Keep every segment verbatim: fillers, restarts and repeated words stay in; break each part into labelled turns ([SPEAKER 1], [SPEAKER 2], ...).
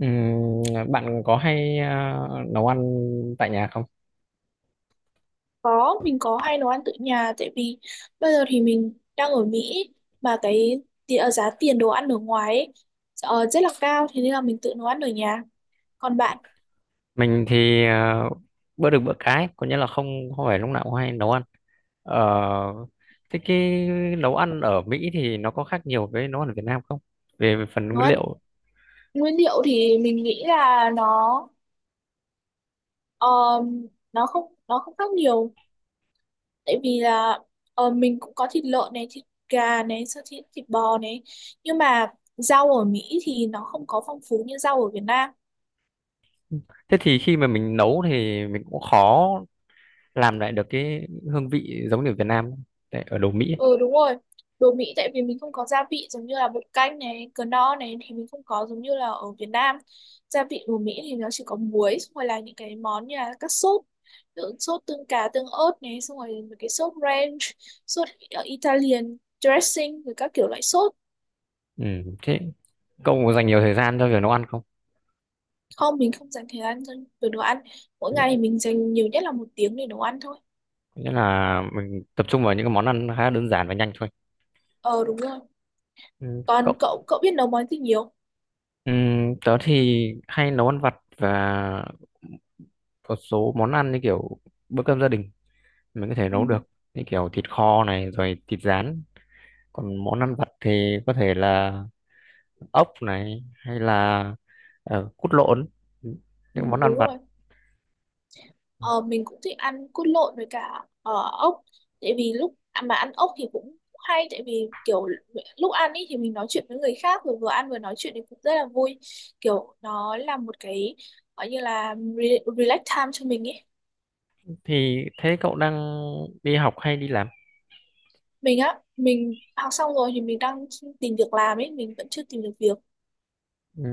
[SPEAKER 1] Ừm, Bạn có hay à, nấu ăn tại nhà không?
[SPEAKER 2] Có, mình có hay nấu ăn tự nhà tại vì bây giờ thì mình đang ở Mỹ mà cái ti- ờ, giá tiền đồ ăn ở ngoài ấy, ờ, rất là cao thế nên là mình tự nấu ăn ở nhà. Còn bạn
[SPEAKER 1] Mình thì à, bữa được bữa cái, có nghĩa là không không phải lúc nào cũng hay nấu ăn. Ờ, Thế cái nấu ăn ở Mỹ thì nó có khác nhiều với nấu ăn ở Việt Nam không? Về, về phần
[SPEAKER 2] nấu
[SPEAKER 1] nguyên
[SPEAKER 2] ăn
[SPEAKER 1] liệu.
[SPEAKER 2] nguyên liệu thì mình nghĩ là nó ờ, nó không nó không khác nhiều tại vì là ờ, mình cũng có thịt lợn này, thịt gà này, xong thịt thịt bò này, nhưng mà rau ở Mỹ thì nó không có phong phú như rau ở Việt Nam.
[SPEAKER 1] Thế thì khi mà mình nấu thì mình cũng khó làm lại được cái hương vị giống như ở Việt Nam tại ở đồ Mỹ ấy.
[SPEAKER 2] Ừ, đúng rồi, đồ Mỹ tại vì mình không có gia vị giống như là bột canh này, cờ no này thì mình không có giống như là ở Việt Nam. Gia vị đồ Mỹ thì nó chỉ có muối, xong rồi là những cái món như là các sốt, ví dụ sốt tương cá, tương ớt này, xong rồi mấy cái sốt ranch, sốt ờ, Italian dressing rồi các kiểu loại sốt.
[SPEAKER 1] Ừm, thế cậu có dành nhiều thời gian cho việc nấu ăn không?
[SPEAKER 2] Không, mình không dành thời gian dành về đồ ăn, mỗi
[SPEAKER 1] Có nghĩa
[SPEAKER 2] ngày thì mình dành nhiều nhất là một tiếng để nấu ăn thôi.
[SPEAKER 1] có nghĩa là mình tập trung vào những cái món ăn khá đơn giản và nhanh thôi.
[SPEAKER 2] Ờ, đúng rồi.
[SPEAKER 1] Ừ, cậu
[SPEAKER 2] Còn cậu cậu biết nấu món gì nhiều?
[SPEAKER 1] Ừm, tớ thì hay nấu ăn vặt và một số món ăn như kiểu bữa cơm gia đình mình có thể
[SPEAKER 2] Ừ.
[SPEAKER 1] nấu được, như kiểu thịt kho này rồi thịt rán, còn món ăn vặt thì có thể là ốc này hay là ờ, cút lộn,
[SPEAKER 2] Ừ,
[SPEAKER 1] những món
[SPEAKER 2] đúng
[SPEAKER 1] ăn vặt.
[SPEAKER 2] rồi. Ờ, mình cũng thích ăn cút lộn với cả ờ, ốc, tại vì lúc à, mà ăn ốc thì cũng hay, tại vì kiểu lúc ăn ý thì mình nói chuyện với người khác, rồi vừa ăn vừa nói chuyện thì cũng rất là vui, kiểu nó là một cái gọi như là re- relax time cho mình ấy.
[SPEAKER 1] Thì thế cậu đang đi học hay đi làm?
[SPEAKER 2] Mình á, mình học xong rồi thì mình đang tìm việc làm ấy, mình vẫn chưa tìm được việc.
[SPEAKER 1] Ừm,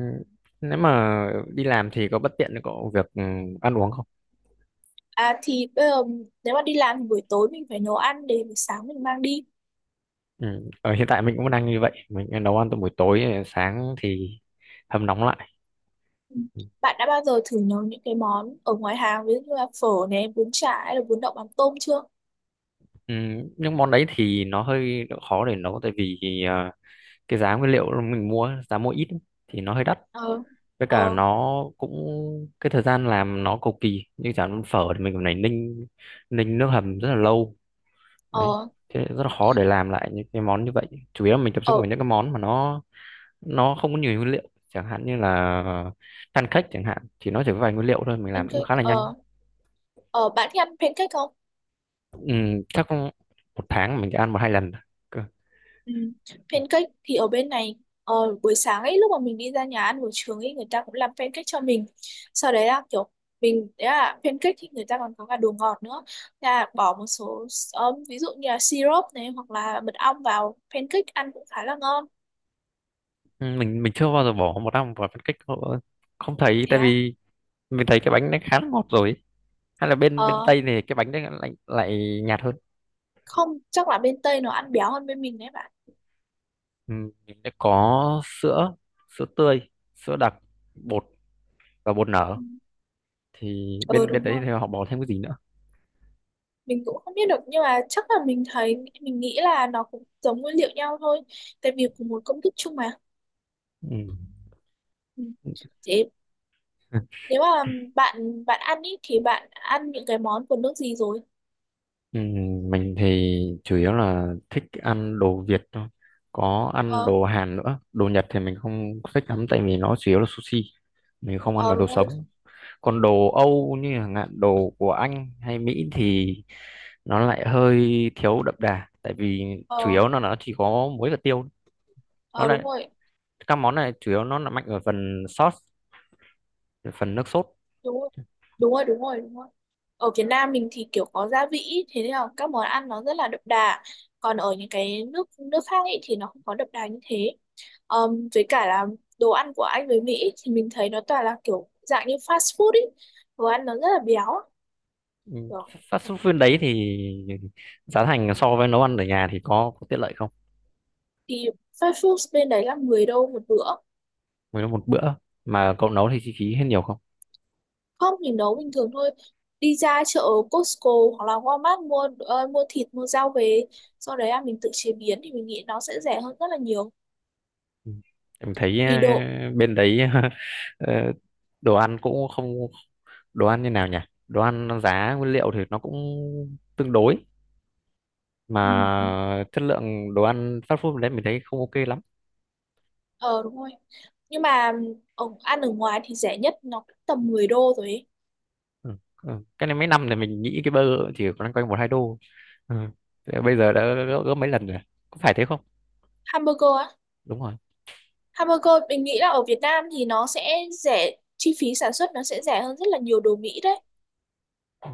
[SPEAKER 1] Nếu mà đi làm thì có bất tiện cho cậu việc ừm, ăn uống không?
[SPEAKER 2] À thì bây giờ nếu mà đi làm thì buổi tối mình phải nấu ăn để buổi sáng mình mang đi.
[SPEAKER 1] Ừm, ở hiện tại mình cũng đang như vậy, mình nấu ăn từ buổi tối, ờ, sáng thì hâm nóng lại.
[SPEAKER 2] Ừ. Bạn đã bao giờ thử nấu những cái món ở ngoài hàng ví dụ như là phở này, bún chả hay là bún đậu mắm tôm chưa?
[SPEAKER 1] Ừ, nhưng món đấy thì nó hơi khó để nấu tại vì à, cái giá nguyên liệu mình mua, giá mua ít ấy, thì nó hơi đắt.
[SPEAKER 2] Ờ,
[SPEAKER 1] Với
[SPEAKER 2] ờ,
[SPEAKER 1] cả nó cũng cái thời gian làm nó cầu kỳ, như chả món phở thì mình còn phải ninh ninh nước hầm rất là lâu đấy.
[SPEAKER 2] ờ,
[SPEAKER 1] Thế rất là khó để làm lại những cái món như vậy, chủ yếu là mình tập trung vào
[SPEAKER 2] ở
[SPEAKER 1] những cái món mà nó nó không có nhiều nguyên liệu, chẳng hạn như là pancake, chẳng hạn thì nó chỉ có vài nguyên liệu thôi, mình làm cũng
[SPEAKER 2] pancake,
[SPEAKER 1] khá là nhanh.
[SPEAKER 2] ờ, ờ, bạn thích ăn pancake không?
[SPEAKER 1] Ừ, chắc một tháng mình chỉ ăn một hai lần.
[SPEAKER 2] Ừ. Pancake thì ở bên này, ờ, buổi sáng ấy lúc mà mình đi ra nhà ăn buổi trường ấy người ta cũng làm pancake cho mình. Sau đấy là kiểu mình đấy là pancake thì người ta còn có cả đồ ngọt nữa. Thế là bỏ một số, ờ, ví dụ như là syrup này hoặc là mật ong vào pancake ăn cũng khá là ngon.
[SPEAKER 1] Ừ, mình mình chưa bao giờ bỏ một năm vào phân cách hộ- không thấy,
[SPEAKER 2] Thế
[SPEAKER 1] tại
[SPEAKER 2] à?
[SPEAKER 1] vì mình thấy cái bánh nó khá là ngọt rồi, hay là bên bên
[SPEAKER 2] Ờ,
[SPEAKER 1] Tây này cái bánh nó lại lại nhạt hơn.
[SPEAKER 2] không, chắc là bên Tây nó ăn béo hơn bên mình đấy bạn.
[SPEAKER 1] Ừ, mình đã có sữa sữa tươi, sữa đặc, bột và bột nở,
[SPEAKER 2] Ừ.
[SPEAKER 1] thì
[SPEAKER 2] Ừ,
[SPEAKER 1] bên bên
[SPEAKER 2] đúng
[SPEAKER 1] đấy
[SPEAKER 2] rồi,
[SPEAKER 1] thì họ bỏ thêm cái gì nữa?
[SPEAKER 2] mình cũng không biết được nhưng mà chắc là mình thấy mình nghĩ là nó cũng giống nguyên liệu nhau thôi, tại vì cùng một công thức chung mà.
[SPEAKER 1] Ừ.
[SPEAKER 2] Ừ. Thế nếu mà bạn bạn ăn ý thì bạn ăn những cái món của nước gì rồi?
[SPEAKER 1] Ừ, mình thì chủ yếu là thích ăn đồ Việt thôi, có ăn
[SPEAKER 2] ờ
[SPEAKER 1] đồ Hàn nữa. Đồ Nhật thì mình không thích lắm tại vì nó chủ yếu là sushi, mình không ăn được
[SPEAKER 2] ờ đúng
[SPEAKER 1] đồ
[SPEAKER 2] rồi.
[SPEAKER 1] sống. Còn đồ Âu như chẳng hạn đồ của Anh hay Mỹ thì nó lại hơi thiếu đậm đà, tại vì chủ
[SPEAKER 2] ờ
[SPEAKER 1] yếu nó nó chỉ có muối và tiêu, nó
[SPEAKER 2] ờ đúng
[SPEAKER 1] lại
[SPEAKER 2] rồi,
[SPEAKER 1] các món này chủ yếu nó là mạnh ở phần sauce, phần nước sốt.
[SPEAKER 2] đúng rồi đúng rồi đúng rồi đúng rồi ở Việt Nam mình thì kiểu có gia vị ý, thế nên là các món ăn nó rất là đậm đà, còn ở những cái nước nước khác ấy thì nó không có đậm đà như thế. Ờm, với cả là đồ ăn của Anh với Mỹ ý, thì mình thấy nó toàn là kiểu dạng như fast food ấy, đồ ăn nó rất là béo
[SPEAKER 1] Ừ,
[SPEAKER 2] kiểu,
[SPEAKER 1] fast food bên đấy thì giá thành so với nấu ăn ở nhà thì có, có tiện lợi không?
[SPEAKER 2] thì fast food bên đấy là mười đô một bữa.
[SPEAKER 1] Với một bữa mà cậu nấu thì chi phí hết nhiều không?
[SPEAKER 2] Không, mình nấu bình thường thôi, đi ra chợ Costco hoặc là Walmart mua ờ, mua thịt mua rau về, sau đấy là mình tự chế biến thì mình nghĩ nó sẽ rẻ hơn rất là nhiều.
[SPEAKER 1] Ừ. Em thấy
[SPEAKER 2] Vì đồ.
[SPEAKER 1] à, bên đấy ờ, đồ ăn cũng không đồ ăn như nào nhỉ? Đồ ăn, nó giá nguyên liệu thì nó cũng tương đối,
[SPEAKER 2] Ừ. Ừ.
[SPEAKER 1] mà chất lượng đồ ăn fast food đấy mình thấy không ok lắm.
[SPEAKER 2] Ờ đúng rồi. Nhưng mà ở, ăn ở ngoài thì rẻ nhất nó cũng tầm mười đô rồi ấy.
[SPEAKER 1] Ừ. Ừ. Cái này mấy năm thì mình nghĩ cái burger chỉ loanh quanh một hai đô. Ừ. Thế bây giờ đã gấp, gấp mấy lần rồi. Có phải thế không?
[SPEAKER 2] Hamburger á.
[SPEAKER 1] Đúng rồi.
[SPEAKER 2] Hamburger mình nghĩ là ở Việt Nam thì nó sẽ rẻ, chi phí sản xuất nó sẽ rẻ hơn rất là nhiều đồ Mỹ đấy.
[SPEAKER 1] Ừ.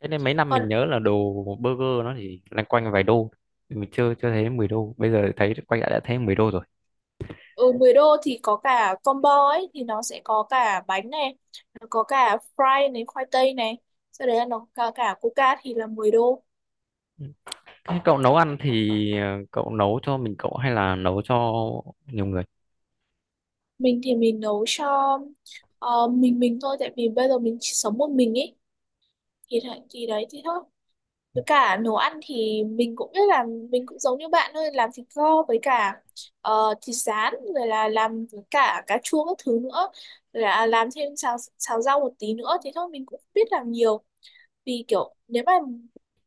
[SPEAKER 1] Thế nên mấy năm
[SPEAKER 2] Còn
[SPEAKER 1] mình nhớ là đồ burger nó chỉ loanh quanh vài đô. Mình chưa chưa thấy mười đô. Bây giờ thấy quay lại đã thấy mười đô rồi.
[SPEAKER 2] ở mười đô thì có cả combo ấy thì nó sẽ có cả bánh này, nó có cả fry này, khoai tây này. Sau đấy là nó có cả coca thì là mười đô.
[SPEAKER 1] Thế cậu nấu ăn thì ờ, cậu nấu cho mình cậu hay là nấu cho nhiều người?
[SPEAKER 2] Mình thì mình nấu cho ờ, mình mình thôi, tại vì bây giờ mình chỉ sống một mình ấy, thì thì đấy thì thôi. Với cả nấu ăn thì mình cũng biết là mình cũng giống như bạn thôi, làm thịt kho với cả ờ, thịt rán, rồi là làm với cả cà chua các thứ nữa, rồi là làm thêm xào xào rau một tí nữa thế thôi, mình cũng không biết làm nhiều, vì kiểu nếu mà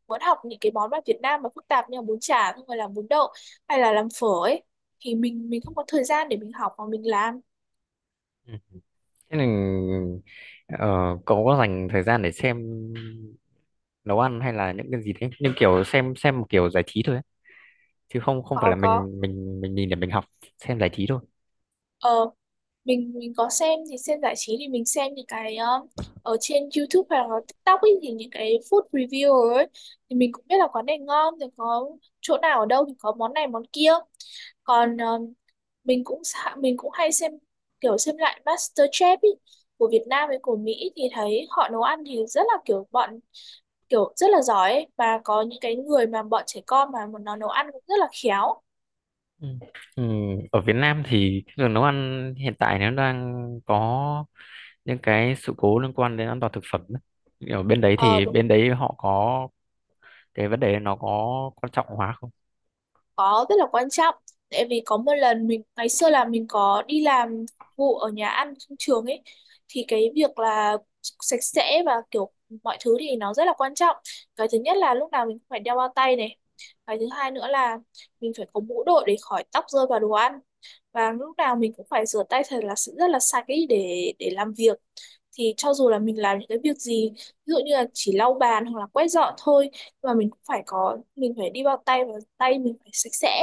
[SPEAKER 2] muốn học những cái món mà Việt Nam mà phức tạp như là bún chả không phải là bún đậu, hay là làm phở ấy, thì mình mình không có thời gian để mình học mà mình làm.
[SPEAKER 1] Ừ. Thế nên ờ, cậu có dành thời gian để xem nấu ăn hay là những cái gì thế? Nhưng kiểu xem xem một kiểu giải trí thôi ấy. Chứ không không phải
[SPEAKER 2] Có
[SPEAKER 1] là
[SPEAKER 2] có.
[SPEAKER 1] mình mình mình nhìn để mình học, xem giải trí thôi.
[SPEAKER 2] ờ mình mình có xem thì xem giải trí, thì mình xem những cái um, ở trên dúp hoặc là tíc tóc ấy, thì những cái food review ấy, thì mình cũng biết là quán này ngon thì có chỗ nào ở đâu thì có món này món kia. Còn um, mình cũng xạ- mình cũng hay xem kiểu xem lại mát tờ chép ý, của Việt Nam với của Mỹ thì thấy họ nấu ăn thì rất là kiểu bọn kiểu rất là giỏi ấy. Và có những cái người mà bọn trẻ con mà nó nấu ăn cũng rất là khéo.
[SPEAKER 1] Ừ. Ừ. Ở Việt Nam thì cái đường nấu ăn hiện tại nó đang có những cái sự cố liên quan đến an toàn thực phẩm ấy. Ở bên đấy
[SPEAKER 2] Ờ,
[SPEAKER 1] thì
[SPEAKER 2] đúng.
[SPEAKER 1] bên đấy họ có cái vấn đề nó có quan trọng hóa không?
[SPEAKER 2] Có, rất là quan trọng, tại vì có một lần mình ngày xưa là mình có đi làm vụ ở nhà ăn trong trường ấy, thì cái việc là sạch sẽ và kiểu mọi thứ thì nó rất là quan trọng. Cái thứ nhất là lúc nào mình cũng phải đeo bao tay này, cái thứ hai nữa là mình phải có mũ đội để khỏi tóc rơi vào đồ ăn, và lúc nào mình cũng phải rửa tay thật là rất là sạch ấy để để làm việc. Thì cho dù là mình làm những cái việc gì, ví dụ như là chỉ lau bàn hoặc là quét dọn thôi, mà mình cũng phải có mình phải đi bao tay và tay mình phải sạch sẽ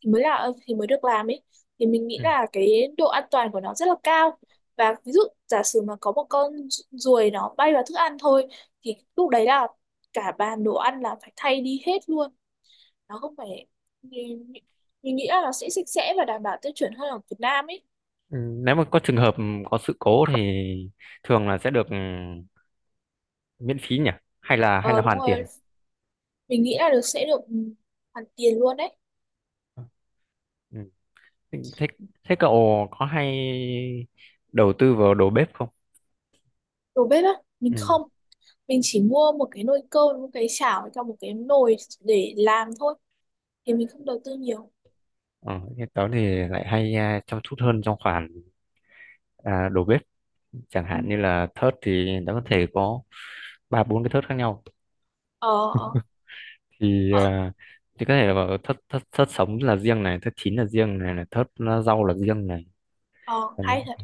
[SPEAKER 2] thì mới là thì mới được làm ấy. Thì mình nghĩ
[SPEAKER 1] Ừ.
[SPEAKER 2] là cái độ an toàn của nó rất là cao, và ví dụ giả sử mà có một con ruồi nó bay vào thức ăn thôi thì lúc đấy là cả bàn đồ ăn là phải thay đi hết luôn, nó không phải, mình, mình nghĩ là nó sẽ sạch sẽ và đảm bảo tiêu chuẩn hơn ở Việt Nam ấy.
[SPEAKER 1] Ừ, nếu mà có trường hợp có sự cố thì thường là sẽ được ừ, miễn phí nhỉ? Hay là hay là
[SPEAKER 2] Ờ, đúng
[SPEAKER 1] hoàn
[SPEAKER 2] rồi,
[SPEAKER 1] tiền?
[SPEAKER 2] mình nghĩ là được, sẽ được ừ, hoàn tiền luôn đấy.
[SPEAKER 1] Ừ. Thế, thế cậu có hay đầu tư vào đồ bếp không?
[SPEAKER 2] Đồ bếp á, mình
[SPEAKER 1] Ừ.
[SPEAKER 2] không, mình chỉ mua một cái nồi cơm, một cái chảo với một cái nồi để làm thôi, thì mình không đầu tư nhiều.
[SPEAKER 1] Ờ, Thế tớ thì lại hay à, chăm chút hơn trong khoản à, đồ bếp. Chẳng hạn như là thớt thì nó có thể có ba bốn cái thớt khác nhau.
[SPEAKER 2] Ờ.
[SPEAKER 1] Thì
[SPEAKER 2] Ờ.
[SPEAKER 1] à, thì có thể là bảo thớt thớt thớt sống là riêng này, thớt chín là riêng này, là thớt rau là riêng này.
[SPEAKER 2] Ờ, hay thật.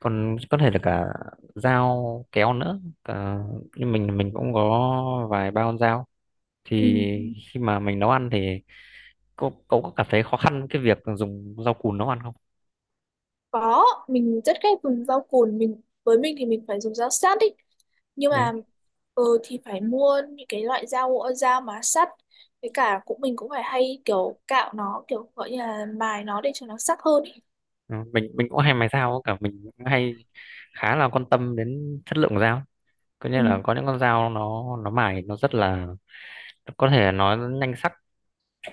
[SPEAKER 1] Còn có thể là cả dao kéo nữa cả, nhưng mình mình cũng có vài ba con dao. Thì
[SPEAKER 2] Ừ.
[SPEAKER 1] khi mà mình nấu ăn thì cậu cậu có cảm thấy khó khăn cái việc dùng dao cùn nấu ăn không?
[SPEAKER 2] Có, mình rất ghét dùng rau cùn, mình với mình thì mình phải dùng dao sắt ý, nhưng
[SPEAKER 1] Đấy.
[SPEAKER 2] mà ờ thì phải mua những cái loại dao dao mà sắt, với cả cũng mình cũng phải hay kiểu cạo nó kiểu gọi như là mài nó để cho nó sắc hơn ý.
[SPEAKER 1] Ừ, mình mình cũng hay mài dao cả, mình cũng hay khá là quan tâm đến chất lượng của dao, có nghĩa
[SPEAKER 2] Ừ.
[SPEAKER 1] là có những con dao nó nó mài nó rất là có thể nó nhanh sắc,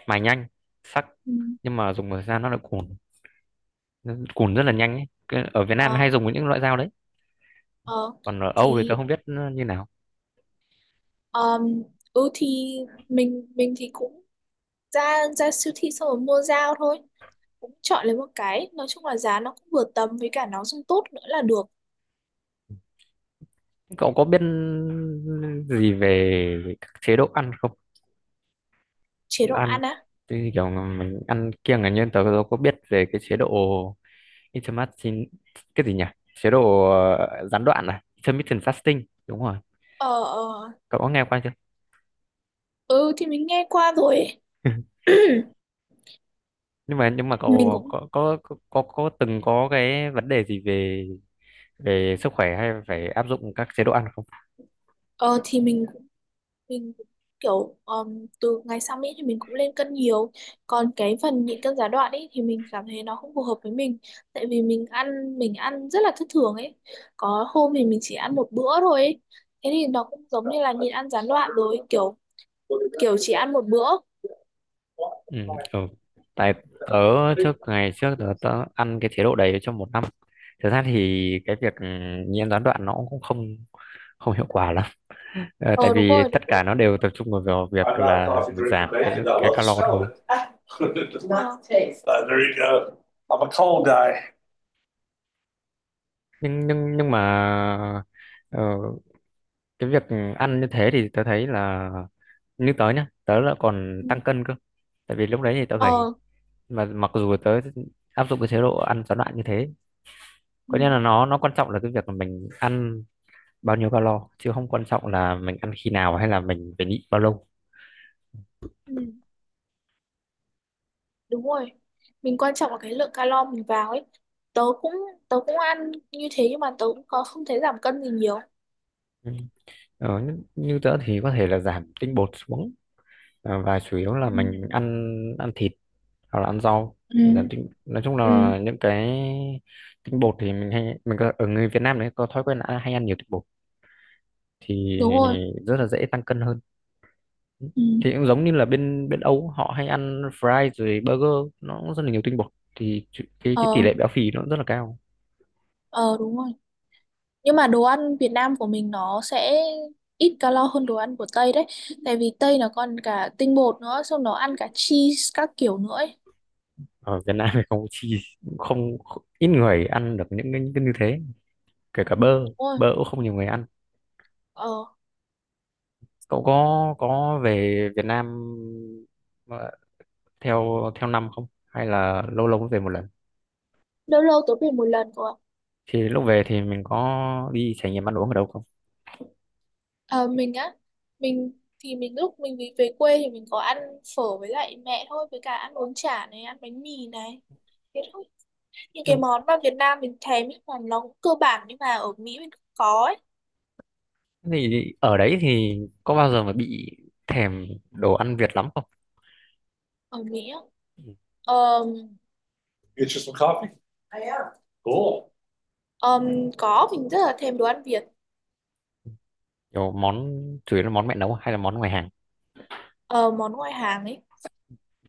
[SPEAKER 1] mài nhanh, sắc,
[SPEAKER 2] Ừ.
[SPEAKER 1] nhưng mà dùng một thời gian nó lại cùn, nó cùn rất là nhanh ấy. Cái- ở Việt Nam
[SPEAKER 2] ờ
[SPEAKER 1] hay dùng những loại dao đấy,
[SPEAKER 2] ờ
[SPEAKER 1] còn ở Âu thì tôi
[SPEAKER 2] thì
[SPEAKER 1] không biết như nào.
[SPEAKER 2] um, ừ thì mình mình thì cũng ra ra siêu thị xong rồi mua dao thôi, cũng chọn lấy một cái, nói chung là giá nó cũng vừa tầm với cả nó dùng tốt nữa là được.
[SPEAKER 1] Cậu có biết gì về, về các chế độ ăn không?
[SPEAKER 2] Chế
[SPEAKER 1] Chế độ
[SPEAKER 2] độ
[SPEAKER 1] ăn
[SPEAKER 2] ăn á?
[SPEAKER 1] thì kiểu mình ăn kiêng là nhân, tớ tớ có biết về cái chế độ intermittent, cái gì nhỉ, chế độ ờ, gián đoạn, à, intermittent fasting, đúng rồi.
[SPEAKER 2] Ờ ờ,
[SPEAKER 1] Cậu có nghe qua chưa?
[SPEAKER 2] ừ thì mình nghe qua rồi ấy.
[SPEAKER 1] nhưng mà nhưng mà
[SPEAKER 2] Mình
[SPEAKER 1] cậu
[SPEAKER 2] cũng
[SPEAKER 1] có có có có, có từng có cái vấn đề gì về về sức khỏe hay phải áp dụng các chế độ ăn không?
[SPEAKER 2] ờ thì mình cũng- mình cũng kiểu ờm, từ ngày sang Mỹ thì mình cũng lên cân nhiều, còn cái phần nhịn cân gián đoạn ấy thì mình cảm thấy nó không phù hợp với mình, tại vì mình ăn mình ăn rất là thất thường ấy, có hôm thì mình chỉ ăn một bữa thôi ấy. Thế thì nó cũng giống như là nhịn ăn gián đoạn rồi, kiểu kiểu chỉ ăn một bữa.
[SPEAKER 1] Ừ, ừ. Tại tớ trước ngày trước tớ, tớ ăn cái chế độ đấy trong một năm. Thực ra thì cái việc ừ, nhiễm gián đoạn nó cũng không không hiệu quả lắm. Ờ, tại
[SPEAKER 2] Ờ đúng
[SPEAKER 1] vì
[SPEAKER 2] rồi, đúng
[SPEAKER 1] tất cả
[SPEAKER 2] rồi.
[SPEAKER 1] nó đều tập trung vào việc
[SPEAKER 2] I'm not a
[SPEAKER 1] là
[SPEAKER 2] coffee
[SPEAKER 1] mình
[SPEAKER 2] drinker,
[SPEAKER 1] giảm cái
[SPEAKER 2] bacon. I
[SPEAKER 1] cái
[SPEAKER 2] love the
[SPEAKER 1] calo
[SPEAKER 2] smell of
[SPEAKER 1] thôi.
[SPEAKER 2] it. Not the taste. Uh, there you go. I'm a cold guy.
[SPEAKER 1] Nhưng nhưng nhưng mà ờ, cái việc ăn như thế thì tớ thấy là, như tớ nhá, tớ là còn tăng cân cơ. Tại vì lúc đấy thì tớ gầy,
[SPEAKER 2] Ờ,
[SPEAKER 1] mà mặc dù tớ áp dụng cái chế độ ăn gián đoạn như thế, có nghĩa là nó nó quan trọng là cái việc là mình ăn bao nhiêu calo, chứ không quan trọng là mình ăn khi nào hay là mình phải nhịn bao lâu.
[SPEAKER 2] ừ, đúng rồi. Mình quan trọng là cái lượng calo mình vào ấy. Tớ cũng tớ cũng ăn như thế nhưng mà tớ cũng có không thấy giảm cân gì nhiều.
[SPEAKER 1] Ừ. ờ, như như tớ thì có thể là giảm tinh bột xuống, ờ, và chủ yếu là
[SPEAKER 2] Ừ,
[SPEAKER 1] mình ăn ăn thịt hoặc là ăn rau,
[SPEAKER 2] ừ,
[SPEAKER 1] giảm tinh nói chung
[SPEAKER 2] ừ,
[SPEAKER 1] là những cái tinh bột thì mình hay mình có, ở người Việt Nam đấy có thói quen là hay ăn nhiều tinh bột, thì
[SPEAKER 2] đúng rồi.
[SPEAKER 1] rất là dễ tăng cân hơn.
[SPEAKER 2] Ừ,
[SPEAKER 1] Thì cũng giống như là bên bên Âu họ hay ăn fry rồi burger, nó cũng rất là nhiều tinh bột, thì cái cái tỷ
[SPEAKER 2] ờ,
[SPEAKER 1] lệ béo phì nó cũng rất là cao.
[SPEAKER 2] ờ đúng rồi. Nhưng mà đồ ăn Việt Nam của mình nó sẽ ít calo hơn đồ ăn của Tây đấy. Tại vì Tây nó còn cả tinh bột nữa, xong nó ăn cả cheese các kiểu nữa ấy.
[SPEAKER 1] Ở Việt Nam thì không chi không ít người ăn được những cái, những cái như thế, kể cả bơ.
[SPEAKER 2] Đúng rồi.
[SPEAKER 1] Bơ cũng không nhiều người ăn.
[SPEAKER 2] Ờ,
[SPEAKER 1] Cậu có có về Việt Nam ờ, theo theo năm không, hay là lâu lâu mới về một lần?
[SPEAKER 2] lâu lâu tớ về một lần cơ ạ.
[SPEAKER 1] Thì lúc về thì mình có đi trải nghiệm ăn uống ở đâu không?
[SPEAKER 2] Ờ, mình á, mình thì mình lúc mình đi về quê thì mình có ăn phở với lại mẹ thôi, với cả ăn bún chả này, ăn bánh mì này. Thế thôi. Những
[SPEAKER 1] Ừ,
[SPEAKER 2] cái món mà Việt Nam mình thèm ấy mà nó cũng cơ bản, nhưng mà ở Mỹ mình không có ấy.
[SPEAKER 1] thì ở đấy thì có bao giờ mà bị thèm đồ ăn Việt lắm không?
[SPEAKER 2] Ở Mỹ á.
[SPEAKER 1] Ừ,
[SPEAKER 2] Ờ, Get you some coffee. I am. Cool. Ờm, có, mình rất là thèm đồ ăn Việt.
[SPEAKER 1] kiểu món chủ yếu là món mẹ nấu hay là món ngoài hàng,
[SPEAKER 2] Ờ, món ngoại hàng ấy,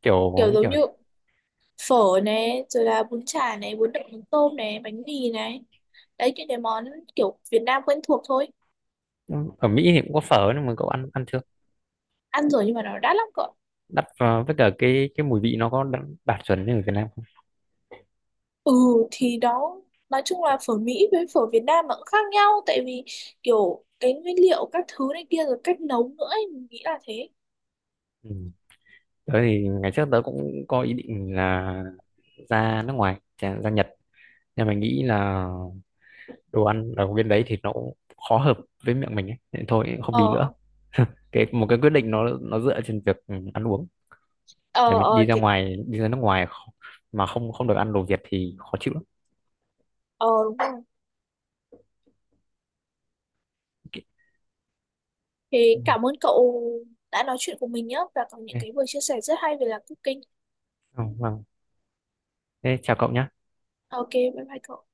[SPEAKER 1] kiểu
[SPEAKER 2] kiểu
[SPEAKER 1] như
[SPEAKER 2] giống
[SPEAKER 1] kiểu
[SPEAKER 2] như phở này rồi là bún chả này, bún đậu mắm tôm này, bánh mì này, đấy những cái món kiểu Việt Nam quen thuộc thôi.
[SPEAKER 1] ở Mỹ thì cũng có phở nhưng mà cậu ăn ăn chưa?
[SPEAKER 2] Ăn rồi nhưng mà nó đắt lắm cơ.
[SPEAKER 1] Đắt vào, với cả cái cái mùi vị nó có đạt, đạt chuẩn như ở Việt Nam không?
[SPEAKER 2] Ừ thì đó, nói chung là phở Mỹ với phở Việt Nam nó cũng khác nhau, tại vì kiểu cái nguyên liệu các thứ này kia rồi cách nấu nữa ấy, mình nghĩ là thế.
[SPEAKER 1] Ừ. Tớ thì ngày trước tớ cũng có ý định là ra nước ngoài, chà- ra Nhật. Nhưng mà nghĩ là đồ ăn ở bên đấy thì nó cũng khó hợp với miệng mình ấy. Thế thôi không đi nữa.
[SPEAKER 2] ờ
[SPEAKER 1] Cái một cái quyết định, nó nó dựa trên việc ừ, ăn uống. Để
[SPEAKER 2] ờ
[SPEAKER 1] mình
[SPEAKER 2] ờ
[SPEAKER 1] đi ra
[SPEAKER 2] thì
[SPEAKER 1] ngoài, đi ra nước ngoài kh- mà không không được ăn đồ Việt thì khó chịu lắm.
[SPEAKER 2] ờ đúng rồi,
[SPEAKER 1] Ok.
[SPEAKER 2] thì
[SPEAKER 1] Ừ.
[SPEAKER 2] cảm ơn cậu đã nói chuyện cùng mình nhé và có những cái vừa chia sẻ rất hay về là cooking.
[SPEAKER 1] Ừ, vâng. Thế chào cậu nhé.
[SPEAKER 2] Ok, bye bye cậu.